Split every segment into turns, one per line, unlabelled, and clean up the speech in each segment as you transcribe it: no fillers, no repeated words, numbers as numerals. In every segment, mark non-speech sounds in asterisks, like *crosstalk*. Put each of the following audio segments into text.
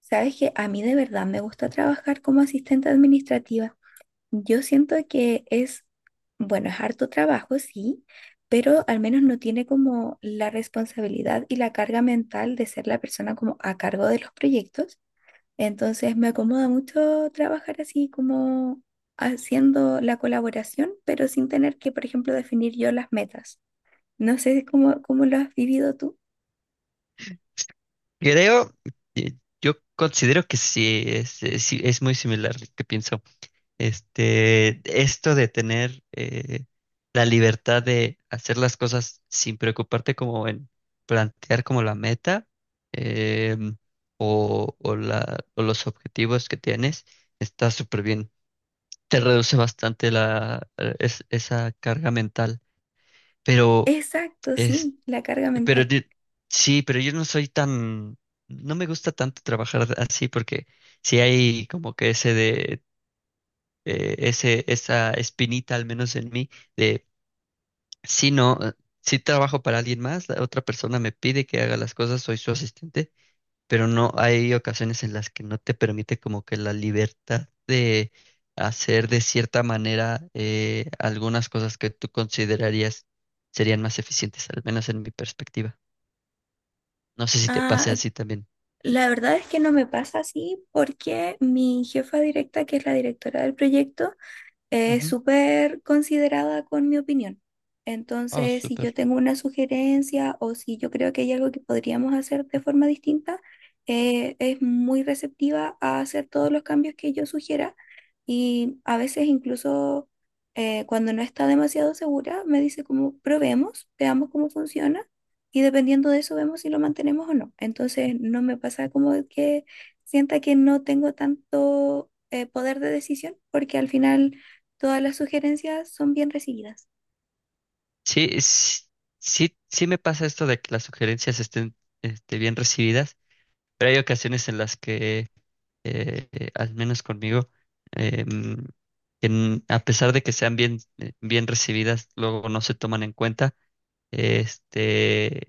Sabes que a mí de verdad me gusta trabajar como asistente administrativa. Yo siento que es, bueno, es harto trabajo, sí, pero al menos no tiene como la responsabilidad y la carga mental de ser la persona como a cargo de los proyectos. Entonces me acomoda mucho trabajar así como haciendo la colaboración, pero sin tener que, por ejemplo, definir yo las metas. No sé cómo lo has vivido tú.
Creo, eh, yo considero que sí, es muy similar lo que pienso. Esto de tener la libertad de hacer las cosas sin preocuparte como en plantear como la meta em, o los objetivos que tienes, está súper bien. Te reduce bastante la, esa carga mental, pero
Exacto, sí, la carga
pero
mental.
de- sí, pero yo no soy tan, no me gusta tanto trabajar así porque si hay como que ese de, esa espinita al menos en mí de, si no, si trabajo para alguien más, la otra persona me pide que haga las cosas, soy su asistente, pero no hay ocasiones en las que no te permite como que la libertad de hacer de cierta manera algunas cosas que tú considerarías serían más eficientes, al menos en mi perspectiva. No sé si te pase
Ah,
así también.
la verdad es que no me pasa así porque mi jefa directa, que es la directora del proyecto, es
Ujú.
súper considerada con mi opinión.
Oh,
Entonces, si
súper.
yo tengo una sugerencia o si yo creo que hay algo que podríamos hacer de forma distinta, es muy receptiva a hacer todos los cambios que yo sugiera y a veces incluso cuando no está demasiado segura, me dice como probemos, veamos cómo funciona y dependiendo de eso vemos si lo mantenemos o no. Entonces, no me pasa como que sienta que no tengo tanto poder de decisión porque al final, todas las sugerencias son bien recibidas.
Sí, sí, sí, me pasa esto de que las sugerencias estén bien recibidas, pero hay ocasiones en las que, al menos conmigo, eh, mm, a pesar de que sean bien recibidas, luego no se toman en cuenta, este,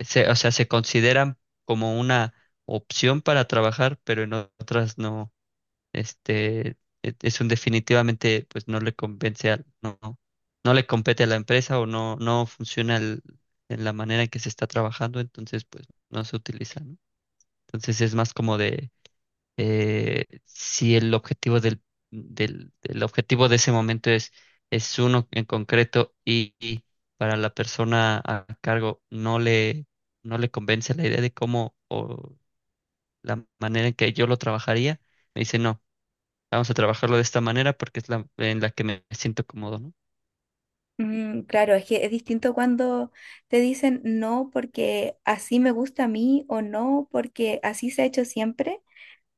o sea, se consideran como una opción para trabajar, pero en otras no. Este, es un definitivamente, pues no le convence al, no le compete a la empresa o no funciona en la manera en que se está trabajando, entonces pues no se utiliza, ¿no? Entonces es más como de si el objetivo del objetivo de ese momento es uno en concreto y para la persona a cargo no le convence la idea de cómo o la manera en que yo lo trabajaría, me dice no. Vamos a trabajarlo de esta manera porque es la en la que me siento cómodo, ¿no?
Mm, claro, es que es distinto cuando te dicen no porque así me gusta a mí o no porque así se ha hecho siempre,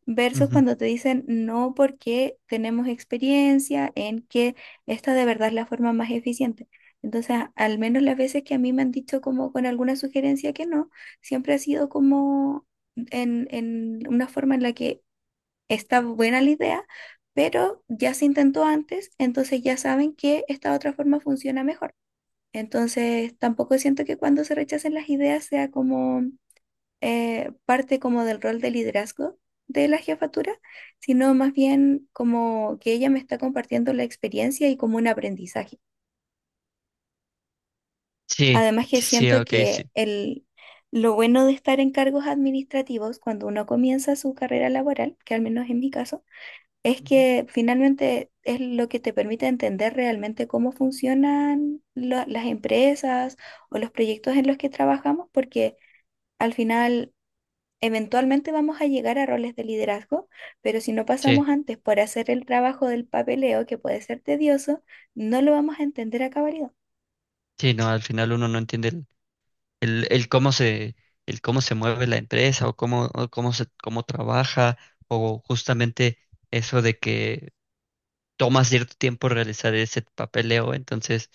versus
Ujú.
cuando te dicen no porque tenemos experiencia en que esta de verdad es la forma más eficiente. Entonces, al menos las veces que a mí me han dicho como con alguna sugerencia que no, siempre ha sido como en una forma en la que está buena la idea, pero ya se intentó antes, entonces ya saben que esta otra forma funciona mejor. Entonces, tampoco siento que cuando se rechacen las ideas sea como parte como del rol de liderazgo de la jefatura, sino más bien como que ella me está compartiendo la experiencia y como un aprendizaje.
Sí,
Además que
sí, sí,
siento
ok,
que
sí.
el, lo bueno de estar en cargos administrativos cuando uno comienza su carrera laboral, que al menos en mi caso, es
Ujú.
que finalmente es lo que te permite entender realmente cómo funcionan las empresas o los proyectos en los que trabajamos, porque al final eventualmente vamos a llegar a roles de liderazgo, pero si no
Sí,
pasamos antes por hacer el trabajo del papeleo, que puede ser tedioso, no lo vamos a entender a cabalidad.
sí, no, al final uno no entiende el cómo se, el cómo se mueve la empresa o cómo se, cómo trabaja, o justamente eso de que toma cierto tiempo realizar ese papeleo, entonces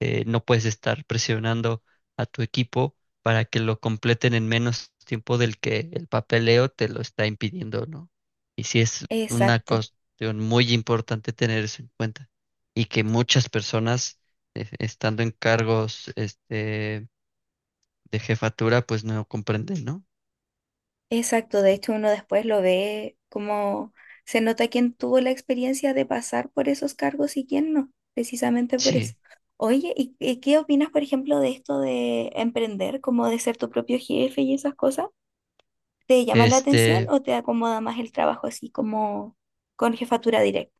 no puedes estar presionando a tu equipo para que lo completen en menos tiempo del que el papeleo te lo está impidiendo, ¿no? Y sí es una
Exacto.
cuestión muy importante tener eso en cuenta y que muchas personas estando en cargos de jefatura pues no comprenden, ¿no?
Exacto, de hecho uno después lo ve como se nota quién tuvo la experiencia de pasar por esos cargos y quién no, precisamente por eso.
Sí,
Oye, ¿y qué opinas, por ejemplo, de esto de emprender, como de ser tu propio jefe y esas cosas? ¿Te llama la atención
este,
o te acomoda más el trabajo así como con jefatura directa?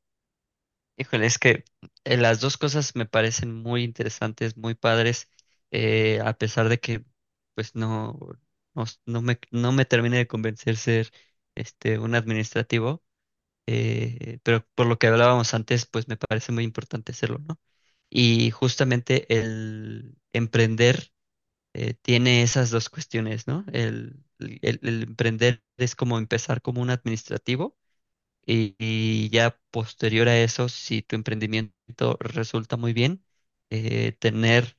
híjole, es que las dos cosas me parecen muy interesantes, muy padres, a pesar de que pues no me termine de convencer ser un administrativo, pero por lo que hablábamos antes, pues me parece muy importante serlo, ¿no? Y justamente el emprender tiene esas dos cuestiones, ¿no? El emprender es como empezar como un administrativo y ya posterior a eso, si tu emprendimiento resulta muy bien, tener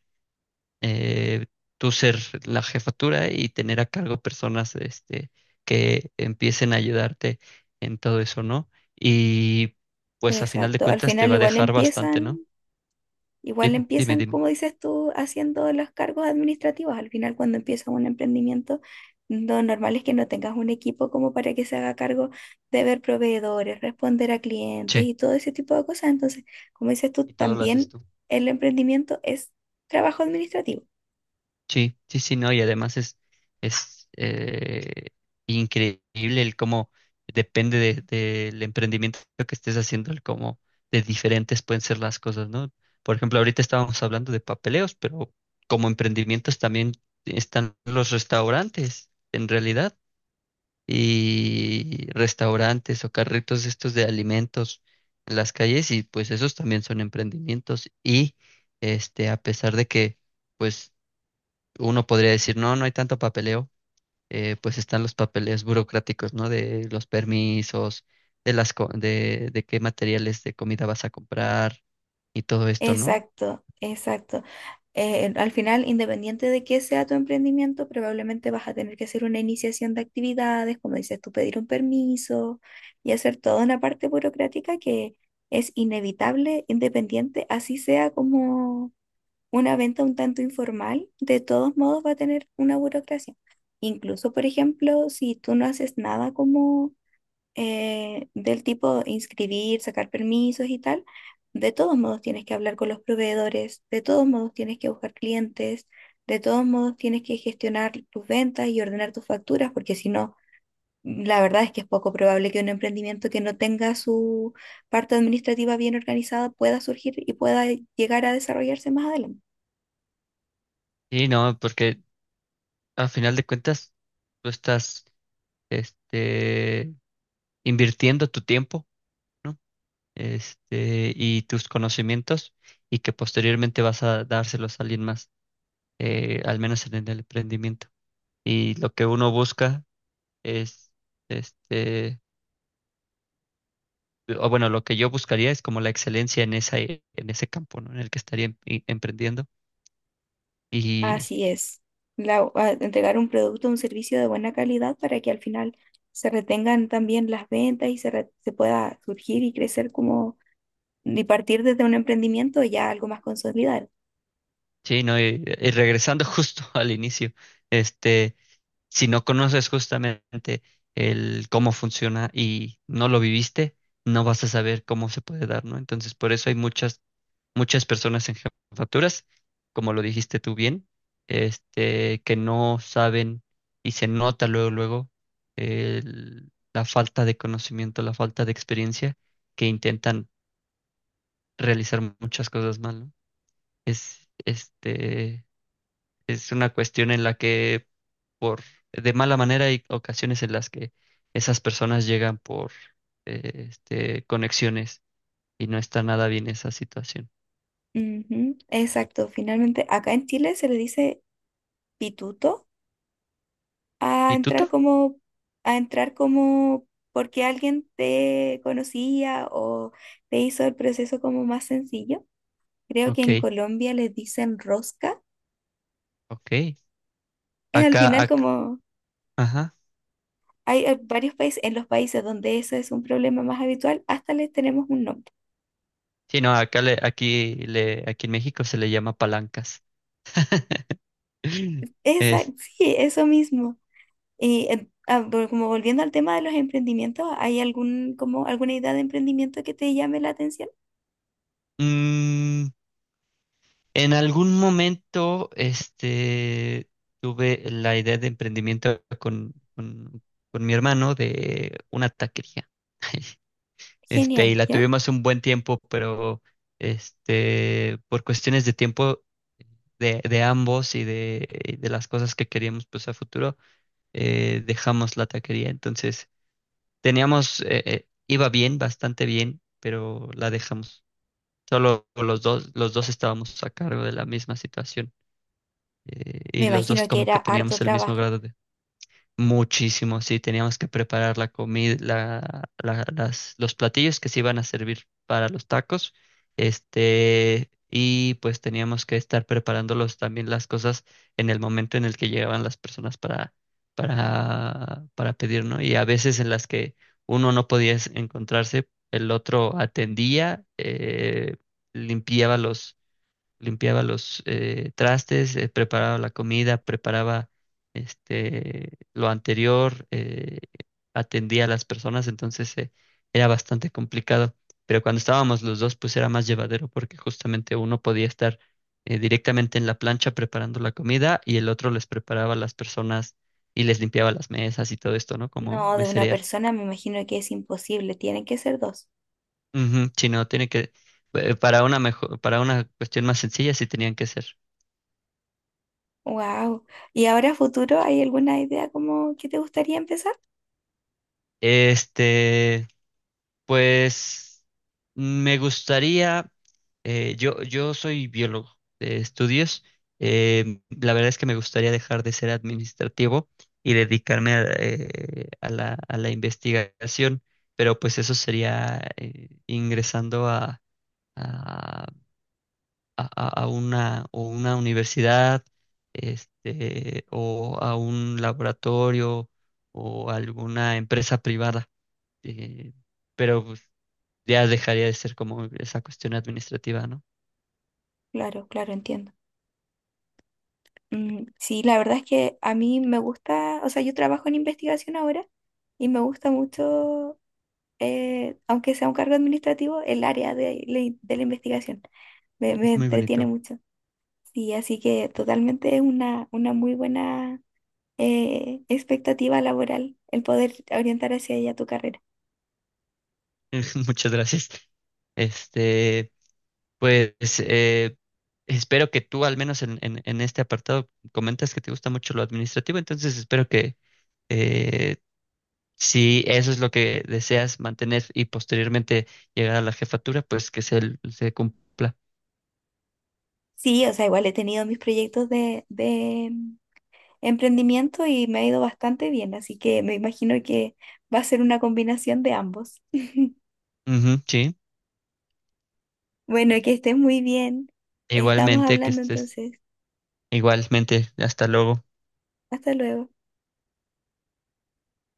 eh, tú ser la jefatura y tener a cargo personas que empiecen a ayudarte en todo eso, ¿no? Y pues a final de
Exacto, al
cuentas te
final
va a
igual
dejar bastante,
empiezan
¿no?
Igual
Dime, dime,
empiezan,
dime.
como dices tú, haciendo los cargos administrativos. Al final, cuando empiezas un emprendimiento, lo normal es que no tengas un equipo como para que se haga cargo de ver proveedores, responder a clientes
Che.
y todo ese tipo de cosas. Entonces, como dices tú,
Y todo lo haces
también
tú.
el emprendimiento es trabajo administrativo.
Sí, sí, sí, no, y además es increíble el cómo depende del emprendimiento que estés haciendo, el cómo de diferentes pueden ser las cosas, ¿no? Por ejemplo, ahorita estábamos hablando de papeleos, pero como emprendimientos también están los restaurantes, en realidad, y restaurantes o carritos estos de alimentos en las calles, y pues esos también son emprendimientos, y a pesar de que pues uno podría decir, no, no hay tanto papeleo, pues están los papeles burocráticos, ¿no? De los permisos, de qué materiales de comida vas a comprar y todo esto, ¿no?
Exacto, exacto. Al final, independiente de qué sea tu emprendimiento, probablemente vas a tener que hacer una iniciación de actividades, como dices tú, pedir un permiso y hacer toda una parte burocrática que es inevitable, independiente, así sea como una venta un tanto informal, de todos modos va a tener una burocracia. Incluso, por ejemplo, si tú no haces nada como del tipo inscribir, sacar permisos y tal, de todos modos tienes que hablar con los proveedores, de todos modos tienes que buscar clientes, de todos modos tienes que gestionar tus ventas y ordenar tus facturas, porque si no, la verdad es que es poco probable que un emprendimiento que no tenga su parte administrativa bien organizada pueda surgir y pueda llegar a desarrollarse más adelante.
Y no, porque al final de cuentas tú estás, este, invirtiendo tu tiempo, ¿no? Y tus conocimientos y que posteriormente vas a dárselos a alguien más, al menos en el emprendimiento. Y lo que uno busca es, este, o bueno, lo que yo buscaría es como la excelencia en esa, en ese campo, ¿no? En el que estaría emprendiendo. Y
Así es. Entregar un producto o un servicio de buena calidad para que al final se retengan también las ventas y se pueda surgir y crecer como y partir desde un emprendimiento ya algo más consolidado.
sí, ¿no? Y regresando *laughs* justo al inicio, este, si no conoces justamente el cómo funciona y no lo viviste, no vas a saber cómo se puede dar, ¿no? Entonces, por eso hay muchas personas en jefaturas, como lo dijiste tú bien, que no saben y se nota luego, luego la falta de conocimiento, la falta de experiencia, que intentan realizar muchas cosas mal, ¿no? Es, este, es una cuestión en la que por de mala manera hay ocasiones en las que esas personas llegan por conexiones y no está nada bien esa situación.
Ujú, exacto. Finalmente, acá en Chile se le dice pituto a
¿Y tú? Ta?
entrar como porque alguien te conocía o te hizo el proceso como más sencillo. Creo que
Ok,
en Colombia les dicen rosca.
ok.
Es al
Acá,
final
ac-
como
ajá.
hay varios países, en los países donde eso es un problema más habitual, hasta les tenemos un nombre.
Sí, no, acá le, aquí en México se le llama palancas. *laughs*
Esa,
Es,
sí, eso mismo. Y como volviendo al tema de los emprendimientos, ¿hay algún, como alguna idea de emprendimiento que te llame la atención?
mm, en algún momento, tuve la idea de emprendimiento con mi hermano de una taquería. *laughs* Y
Genial,
la
¿ya?
tuvimos un buen tiempo, pero por cuestiones de tiempo de ambos y de las cosas que queríamos pues a futuro, dejamos la taquería. Entonces, teníamos, iba bien, bastante bien, pero la dejamos. Solo los dos estábamos a cargo de la misma situación y
Me
los dos
imagino que
como
era
que
harto
teníamos el mismo
trabajo.
grado. Muchísimo, sí, teníamos que preparar la comida, las, los platillos que se iban a servir para los tacos, y pues teníamos que estar preparándolos también las cosas en el momento en el que llegaban las personas para, para pedir, ¿no? Y a veces en las que uno no podía encontrarse, el otro atendía, limpiaba limpiaba los trastes, preparaba la comida, preparaba lo anterior, atendía a las personas, entonces era bastante complicado. Pero cuando estábamos los dos, pues era más llevadero porque justamente uno podía estar directamente en la plancha preparando la comida y el otro les preparaba a las personas y les limpiaba las mesas y todo esto, ¿no? Como
No, de una
meserear.
persona me imagino que es imposible, tienen que ser dos.
Ujú, sí, no, tiene que, para una mejor, para una cuestión más sencilla, sí tenían que ser.
Wow. ¿Y ahora a futuro hay alguna idea como que te gustaría empezar?
Este, Pues me gustaría, yo soy biólogo de estudios, la verdad es que me gustaría dejar de ser administrativo y dedicarme a, a la investigación, pero pues eso sería ingresando a, a una, o una universidad, o a un laboratorio o alguna empresa privada. eh, pero pues, ya dejaría de ser como esa cuestión administrativa, ¿no?
Claro, claro, entiendo. Mm, sí, la verdad es que a mí me gusta, o sea, yo trabajo en investigación ahora y me gusta mucho, aunque sea un cargo administrativo, el área de, de la investigación. Me
Es muy
entretiene
bonito.
mucho. Sí, así que totalmente es una muy buena expectativa laboral el poder orientar hacia ella tu carrera.
*laughs* Muchas gracias. Este, pues eh, espero que tú, al menos en este apartado, comentas que te gusta mucho lo administrativo, entonces espero que eh, si eso es lo que deseas mantener y posteriormente llegar a la jefatura, pues que se cumpla.
Sí, o sea, igual he tenido mis proyectos de emprendimiento y me ha ido bastante bien, así que me imagino que va a ser una combinación de ambos. *laughs*
Ujú, sí,
Bueno, que estés muy bien. Estamos
igualmente, que
hablando
estés
entonces.
igualmente. Hasta luego.
Hasta luego.